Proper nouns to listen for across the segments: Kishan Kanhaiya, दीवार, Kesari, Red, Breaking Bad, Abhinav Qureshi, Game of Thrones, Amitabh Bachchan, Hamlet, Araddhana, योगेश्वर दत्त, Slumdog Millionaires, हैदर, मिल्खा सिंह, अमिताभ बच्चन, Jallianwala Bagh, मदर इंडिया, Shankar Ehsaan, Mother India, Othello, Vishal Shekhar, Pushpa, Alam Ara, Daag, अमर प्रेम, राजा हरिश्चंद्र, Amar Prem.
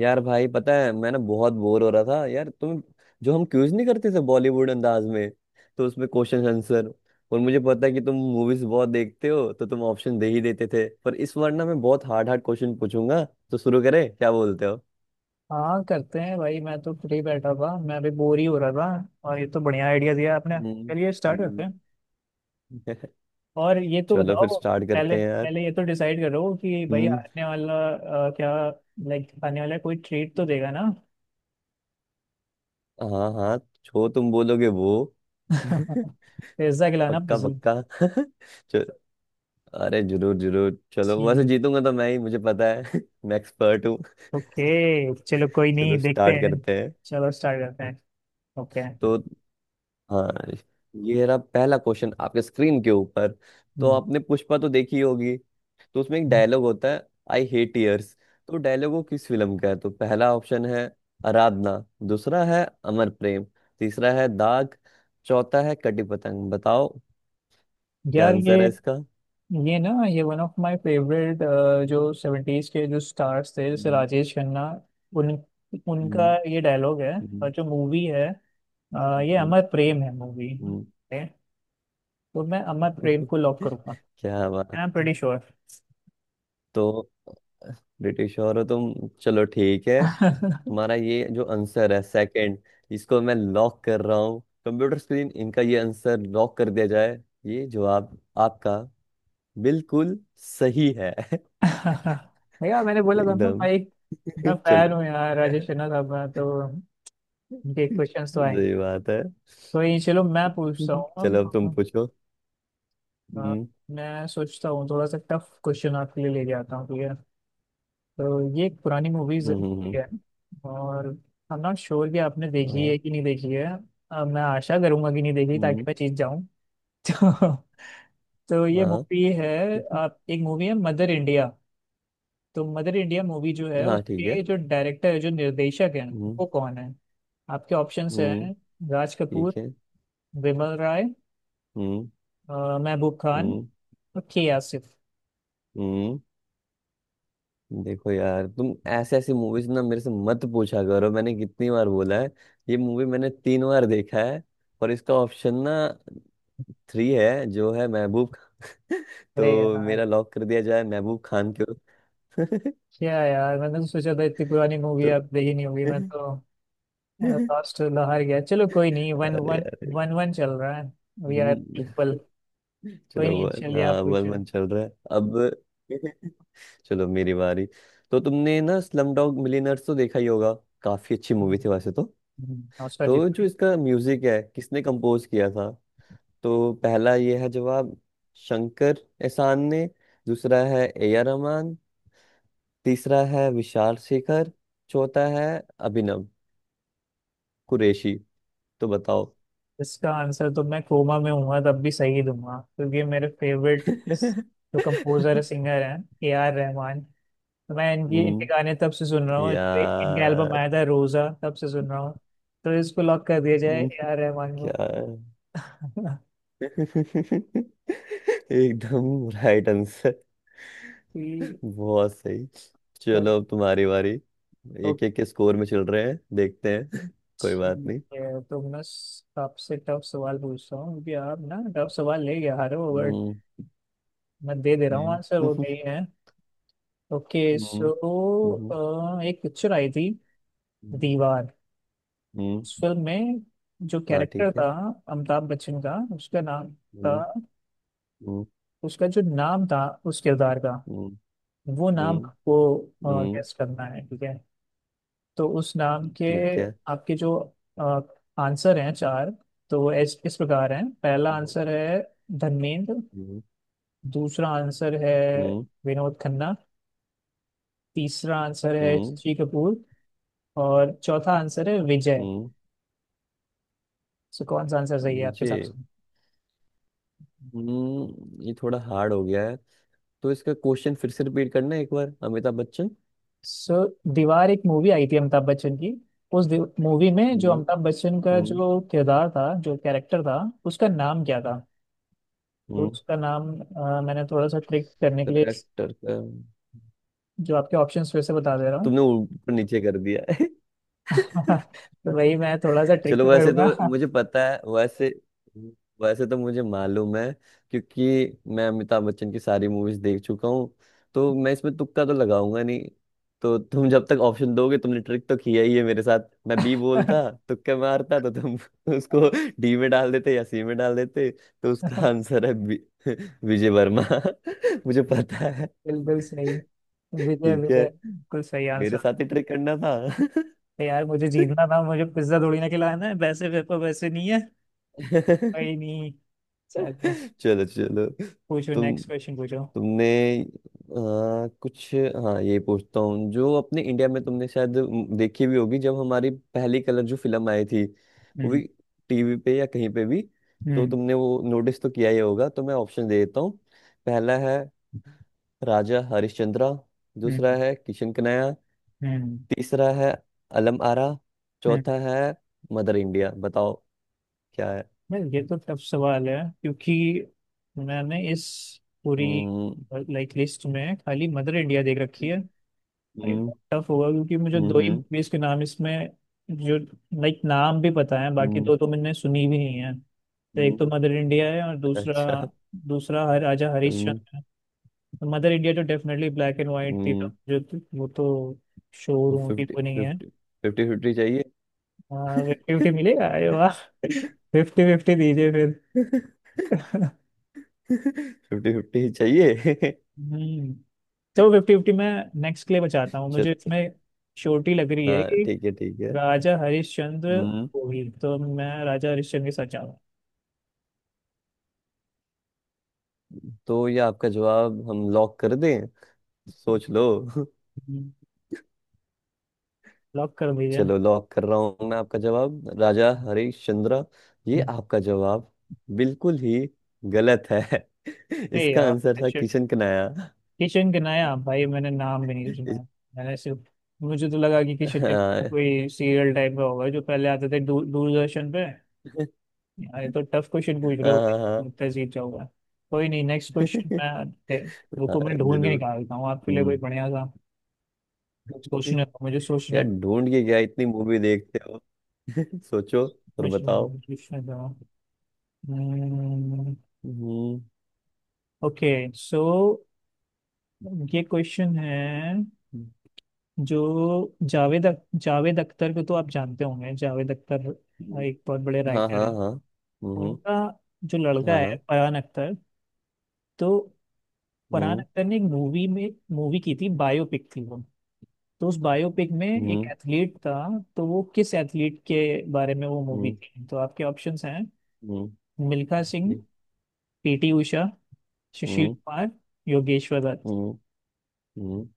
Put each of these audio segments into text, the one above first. यार भाई पता है, मैं ना बहुत बोर हो रहा था यार। तुम जो हम क्यूज नहीं करते थे बॉलीवुड अंदाज में, तो उसमें क्वेश्चन आंसर। और मुझे पता है कि तुम मूवीज बहुत देखते हो, तो तुम ऑप्शन दे ही देते थे। पर इस बार ना मैं बहुत हार्ड हार्ड क्वेश्चन पूछूंगा। तो शुरू करें, क्या बोलते हो? हाँ, करते हैं भाई। मैं तो फ्री बैठा था, मैं अभी बोर ही हो रहा था और ये तो बढ़िया आइडिया दिया आपने। हम्म। चलिए स्टार्ट करते हम्म। हैं। और ये तो चलो फिर बताओ, स्टार्ट पहले करते हैं यार। पहले ये तो डिसाइड करो कि भाई हम्म। आने वाला क्या। लाइक आने वाला कोई ट्रीट तो देगा ना? हाँ हाँ, जो तुम बोलोगे वो। पिज्जा खिलाना, पक्का पिज्जा। पक्का। चलो, अरे जरूर जरूर, चलो। ठीक। वैसे जीतूंगा तो मैं ही, मुझे पता है। मैं एक्सपर्ट। ओके, चलो, कोई नहीं, चलो देखते स्टार्ट हैं। करते हैं। चलो स्टार्ट करते हैं। ओके। तो हाँ, ये रहा पहला क्वेश्चन आपके स्क्रीन के ऊपर। तो आपने पुष्पा तो देखी होगी, तो उसमें एक डायलॉग होता है, आई हेट टीयर्स। तो डायलॉग वो किस फिल्म का है? तो पहला ऑप्शन है आराधना, दूसरा है अमर प्रेम, तीसरा है दाग, चौथा है कटी पतंग। बताओ क्या यार, ये आंसर है इसका। ये ना ये वन ऑफ माय फेवरेट। जो सेवेंटीज के जो स्टार्स थे जैसे हम्म, राजेश खन्ना, उन हम्म, उनका ये डायलॉग है। हम्म, और जो मूवी है, ये हम्म, अमर प्रेम है मूवी। हम्म। तो मैं अमर प्रेम को लॉक करूंगा। क्या बात! I am pretty sure. तो ब्रिटिश हो रहे हो तुम। चलो ठीक है, तुम्हारा ये जो आंसर है, सेकंड, इसको मैं लॉक कर रहा हूँ। कंप्यूटर स्क्रीन, इनका ये आंसर लॉक कर दिया जाए। ये जवाब आपका बिल्कुल सही है। भैया, मैंने बोला था ना एकदम। भाई। मैं चलो। फैन हूँ यार राजेश खन्ना साहब का, तो उनके क्वेश्चंस तो आए। सही बात है। तो ये, चलो मैं पूछता हूँ चलो अब तुम अब। पूछो। अ, हम्म। मैं सोचता हूँ थोड़ा सा टफ क्वेश्चन आपके लिए लेके आता हूँ, ठीक है। तो ये एक पुरानी मूवीज हम्म। है। और आई एम नॉट श्योर कि आपने देखी हाँ। है कि नहीं देखी है। मैं आशा करूंगा कि नहीं देखी ताकि हम्म। मैं जीत जाऊं। तो, तो ये हाँ। मूवी है। आप, एक मूवी है मदर इंडिया। तो मदर इंडिया मूवी जो है हाँ ठीक है। उसके जो डायरेक्टर है जो निर्देशक है, हम्म। वो कौन है? आपके ऑप्शंस हम्म। हैं: राज ठीक कपूर, है। विमल राय, हम्म। महबूब खान हम्म। और के आसिफ। हम्म। देखो यार, तुम ऐसे ऐसी मूवीज ना मेरे से मत पूछा करो, मैंने कितनी बार बोला है। ये मूवी मैंने तीन बार देखा है। और इसका ऑप्शन ना, थ्री है, जो है महबूब खान। अरे तो यार, मेरा लॉक कर दिया जाए, महबूब खान के क्या यार, मैंने तो सोचा था इतनी पुरानी मूवी तो। आप देखी नहीं होगी, मैं तो। लास्ट तो हार गया, चलो कोई नहीं, वन अरे वन। यार। वन वन चल रहा है। We are hmm, triple. कोई चलो वो। नहीं, चलिए हाँ आप वन पूछिए। वन चल रहा है अब। चलो मेरी बारी। तो तुमने ना स्लम डॉग मिलियनेयर्स तो देखा ही होगा, काफी अच्छी मूवी थी वैसे तो। नमस्कार जीत तो जो भाई। इसका म्यूजिक है, किसने कंपोज किया था? तो पहला ये है जवाब, शंकर एहसान ने, दूसरा है ए आर रहमान, तीसरा है विशाल शेखर, चौथा है अभिनव कुरैशी। तो बताओ। इसका आंसर तो मैं कोमा में हूँ तब भी सही दूंगा, क्योंकि मेरे फेवरेट जो कंपोजर सिंगर हैं, ए आर रहमान। तो मैं इनकी इनके हम्म। गाने तब से सुन रहा हूँ, जो इनका एल्बम यार। आया था रोजा, तब से सुन रहा हूँ। तो इसको लॉक कर दिया जाए, हम्म, ए आर रहमान को। क्या है? एकदम राइट आंसर, बहुत सही। ठीक, चलो अब तुम्हारी बारी। एक एक के स्कोर में चल रहे हैं, देखते हैं। कोई बात ठीक नहीं। है, तो मैं आपसे टफ सवाल पूछता हूँ, क्योंकि आप ना टफ सवाल ले गया हारे हो, बट हम्म। मैं दे दे रहा हूँ हम्म। आंसर, वो नहीं है। ओके, सो हम्म, हम्म, एक पिक्चर आई थी, हम्म। दीवार। हम्म, उस हम्म, फिल्म में जो हाँ कैरेक्टर ठीक था है। अमिताभ बच्चन का, उसका नाम था। हम्म। हम्म। उसका जो नाम था उस किरदार का, हम्म। वो नाम हम्म। को हम्म, गेस करना है, ठीक है। तो उस नाम के ठीक है। आपके जो आंसर हैं चार, तो वो इस प्रकार हैं: पहला हम्म। आंसर है धर्मेंद्र, हम्म। दूसरा आंसर है हम्म। विनोद खन्ना, तीसरा आंसर है हम्म, ऋषि कपूर और चौथा आंसर है विजय। सो कौन सा आंसर सही है आपके ये। हिसाब से? हम्म, ये थोड़ा हार्ड हो गया है। तो इसका क्वेश्चन फिर से रिपीट करना एक बार, अमिताभ बच्चन। सो दीवार एक मूवी आई थी अमिताभ बच्चन की, उस मूवी में जो हम्म। अमिताभ बच्चन का हम्म। जो किरदार था जो कैरेक्टर था, उसका नाम क्या था? तो हम्म। उसका नाम, मैंने थोड़ा सा ट्रिक करने के लिए एक्टर का। जो आपके ऑप्शंस फिर से बता दे रहा हूँ। तुमने ऊपर नीचे कर दिया है। तो वही मैं थोड़ा सा ट्रिक चलो तो वैसे करूंगा। तो मुझे पता है, वैसे। वैसे तो मुझे मालूम है। क्योंकि मैं अमिताभ बच्चन की सारी मूवीज देख चुका हूँ, तो मैं इसमें तुक्का तो लगाऊंगा नहीं। तो तुम जब तक ऑप्शन दोगे, तुमने ट्रिक तो किया ही है मेरे साथ, मैं बी बोलता। तुक्का मारता तो तुम उसको डी में डाल देते या सी में डाल देते। तो उसका आंसर है विजय वर्मा। मुझे पता है। बिल्कुल सही। विजय ठीक है। विजय, बिल्कुल सही मेरे आंसर। साथ ही ट्रिक करना था। तो यार मुझे जीतना था, मुझे पिज्जा थोड़ी ना खिलाना है, वैसे पेपर वैसे नहीं है। कोई नहीं, चलो चलो चलो। पूछो, तुम नेक्स्ट क्वेश्चन पूछो। तुमने कुछ, हाँ, ये पूछता हूँ। जो अपने इंडिया में तुमने शायद देखी भी होगी, जब हमारी पहली कलर जो फिल्म आई थी, वो हम्म, भी टीवी पे या कहीं पे भी। तो हम्म, तुमने वो नोटिस तो किया ही होगा। तो मैं ऑप्शन दे देता हूँ। पहला है राजा हरिश्चंद्रा, दूसरा हम्म, है किशन कन्हैया, हम्म, तीसरा है अलम आरा, हम्म। चौथा है मदर इंडिया। बताओ क्या है। मैं, ये तो टफ सवाल है, क्योंकि मैंने इस पूरी हम्म। लाइक लिस्ट में खाली मदर इंडिया देख रखी है। अरे, हम्म। टफ होगा क्योंकि मुझे हम्म। दो ही हम्म। मूवीज के नाम इसमें जो लाइक नाम भी पता है, बाकी हम्म, दो तो मैंने सुनी भी नहीं है। तो एक तो हम्म, मदर इंडिया है और दूसरा अच्छा। दूसरा हर राजा हरिश्चंद्र है। तो मदर इंडिया तो डेफिनेटली ब्लैक एंड वाइट थी, तो हम्म। वो तो तो शोरूम की फिफ्टी वो नहीं है। फिफ्टी, फिफ्टी फिफ्टी चाहिए। फिफ्टी फिफ्टी मिलेगा? अरे वाह, फिफ्टी फिफ्टी दीजिए फिर। फिफ्टी फिफ्टी ही चाहिए। हम्म, चलो फिफ्टी फिफ्टी मैं नेक्स्ट के लिए बचाता हूँ, मुझे चलो। इसमें श्योरिटी लग रही है हाँ कि ठीक है ठीक है। राजा हरिश्चंद्र हम्म। गोहिल, तो मैं राजा हरिश्चंद्र के साथ जाऊंगा। तो ये आपका जवाब हम लॉक कर दें? सोच लो। लॉक कर दीजिए। चलो लॉक कर रहा हूँ मैं आपका जवाब, राजा हरीश चंद्र। ये आपका जवाब बिल्कुल ही गलत है। अरे इसका यार, आंसर था किशन किशन कनाया। किशन के नया भाई, मैंने नाम भी नहीं सुना इस- है। मैंने सिर्फ मुझे तो लगा कि किशन के हाँ। नाया कोई सीरियल टाइप का होगा जो पहले आते थे दूरदर्शन पे। यार, ये तो टफ क्वेश्चन पूछ रहे हो, हाँ हाँ, लगता है जीत जाऊंगा। कोई नहीं, नेक्स्ट क्वेश्चन। मैं बुक हाँ, को मैं ढूंढ के जरूर। निकालता हूँ आपके लिए कोई हम्म। बढ़िया सा। सोचने दो, मुझे यार सोचने दो, ढूंढ के क्या, इतनी मूवी देखते। सोचो और मुझे बताओ। सोचने दो। हम्म। ओके, सो ये क्वेश्चन है। जो जावेद अख्तर को तो आप जानते होंगे, जावेद अख्तर हम्म, एक बहुत बड़े हाँ राइटर हाँ हैं। हाँ। हम्म। उनका जो लड़का हाँ है हाँ। फरहान अख्तर, तो फरहान हम्म। अख्तर ने एक मूवी में मूवी की थी, बायोपिक थी वो। तो उस बायोपिक में एक हम्म। एथलीट था। तो वो किस एथलीट के बारे में वो मूवी हम्म। थी? तो आपके ऑप्शंस हैं: हम्म। मिल्खा सिंह, पीटी उषा, हम्म। सुशील कुमार, योगेश्वर दत्त। हम्म। हम्म।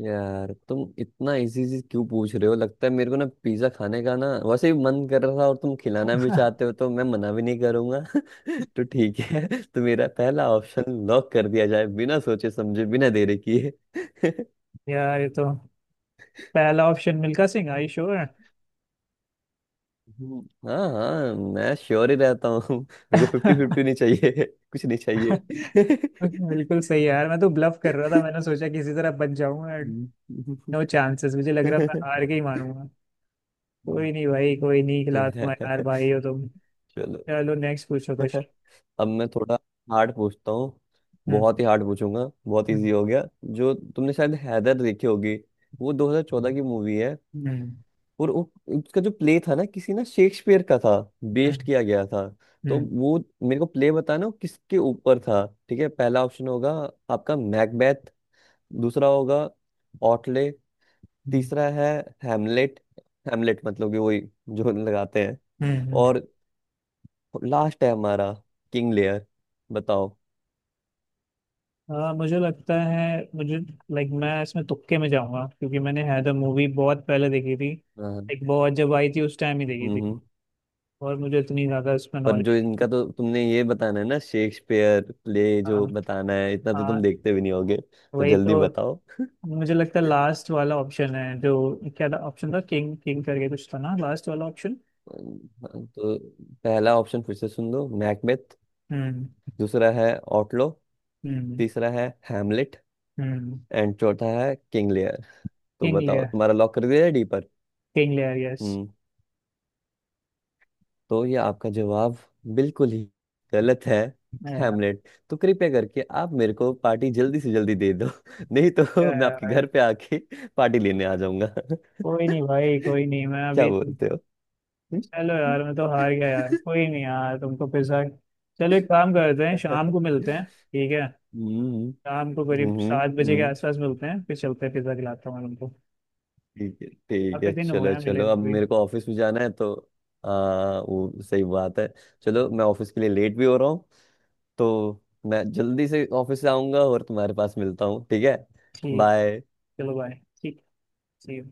यार तुम इतना इजी चीज क्यों पूछ रहे हो! लगता है मेरे को ना पिज्जा खाने का ना वैसे ही मन कर रहा था, और तुम खिलाना भी चाहते हो, तो मैं मना भी नहीं करूंगा। तो ठीक है, तो मेरा पहला ऑप्शन लॉक कर दिया जाए, बिना सोचे समझे, बिना देरी किए। यार, ये तो पहला option मिल्खा सिंह, I sure. हम्म, हाँ हाँ, मैं श्योर ही रहता हूँ। मेरे को फिफ्टी फिफ्टी नहीं चाहिए, कुछ नहीं चाहिए। बिल्कुल सही है यार, मैं तो ब्लफ कर रहा था, मैंने सोचा किसी तरह बच जाऊंगा। हम्म। नो चांसेस, मुझे लग रहा था हार के ही मानूंगा। हम्म। कोई नहीं भाई, कोई नहीं, खिला, तुम्हारे यार भाई हो तुम। चलो चलो नेक्स्ट पूछो कुछ। अब मैं थोड़ा हार्ड पूछता हूँ। हम्म, बहुत ही हार्ड पूछूंगा, बहुत इजी हम्म, हो गया। जो तुमने शायद हैदर देखी होगी, वो 2014 की मूवी है। हम्म, और वो, उसका जो प्ले था ना, किसी ना शेक्सपियर का था, हम्म, बेस्ड किया गया था। तो हम्म, वो मेरे को प्ले बताना, वो किसके ऊपर था। ठीक है, पहला ऑप्शन होगा आपका मैकबेथ, दूसरा होगा ऑटले, हम्म, तीसरा है हैमलेट, हैमलेट मतलब कि वही जो लगाते हैं। हम्म। और लास्ट है हमारा किंग लेयर। बताओ। हाँ, मुझे लगता है मुझे, लाइक मैं इसमें तुक्के में जाऊंगा, क्योंकि मैंने हैदर मूवी बहुत पहले देखी थी। हाँ। एक बहुत, जब आई थी उस टाइम ही देखी थी। हम्म। और मुझे इतनी ज्यादा इसमें पर जो नॉलेज इनका, नहीं थी। तो तुमने ये बताना है ना, शेक्सपियर प्ले हाँ जो बताना है, इतना तो तुम हाँ, देखते भी नहीं होगे, तो वही जल्दी तो, बताओ। मुझे लगता है लास्ट वाला ऑप्शन है जो। क्या था ऑप्शन, था किंग किंग करके कुछ था ना, लास्ट वाला ऑप्शन। तो पहला ऑप्शन फिर से सुन लो, मैकबेथ, हम्म, दूसरा है ऑटलो, हम्म, तीसरा है हैमलेट, हम्म। एंड चौथा है किंग लियर। तो किंग बताओ, लेयर। तुम्हारा लॉक कर दिया है डी पर। King Lear, yes. हम्म। तो ये आपका जवाब बिल्कुल ही गलत है, हैमलेट। तो कृपया करके आप मेरे को पार्टी जल्दी से जल्दी दे दो, नहीं तो मैं आपके घर पे आके पार्टी लेने आ जाऊंगा। कोई नहीं भाई, कोई नहीं, मैं क्या अभी। बोलते हो? चलो हम्म। यार मैं तो हार गया यार, कोई नहीं यार, तुमको पैसा। चलो, एक काम करते हैं, शाम को मिलते हैं, ठीक है। हम्म शाम को करीब हम्म हम्म, 7 बजे के हम्म। आसपास मिलते हैं, फिर चलते हैं, पिज्ज़ा खिलाता हूँ मैं तुमको। ठीक है ठीक काफी है, दिन हो चलो गया मिले चलो, हुए अब भी। मेरे को ऑफिस में जाना है। तो आ, वो सही बात है। चलो मैं ऑफिस के लिए लेट भी हो रहा हूँ, तो मैं जल्दी से ऑफिस आऊंगा और तुम्हारे पास मिलता हूँ, ठीक है? ठीक। बाय। चलो बाय। ठीक। See you.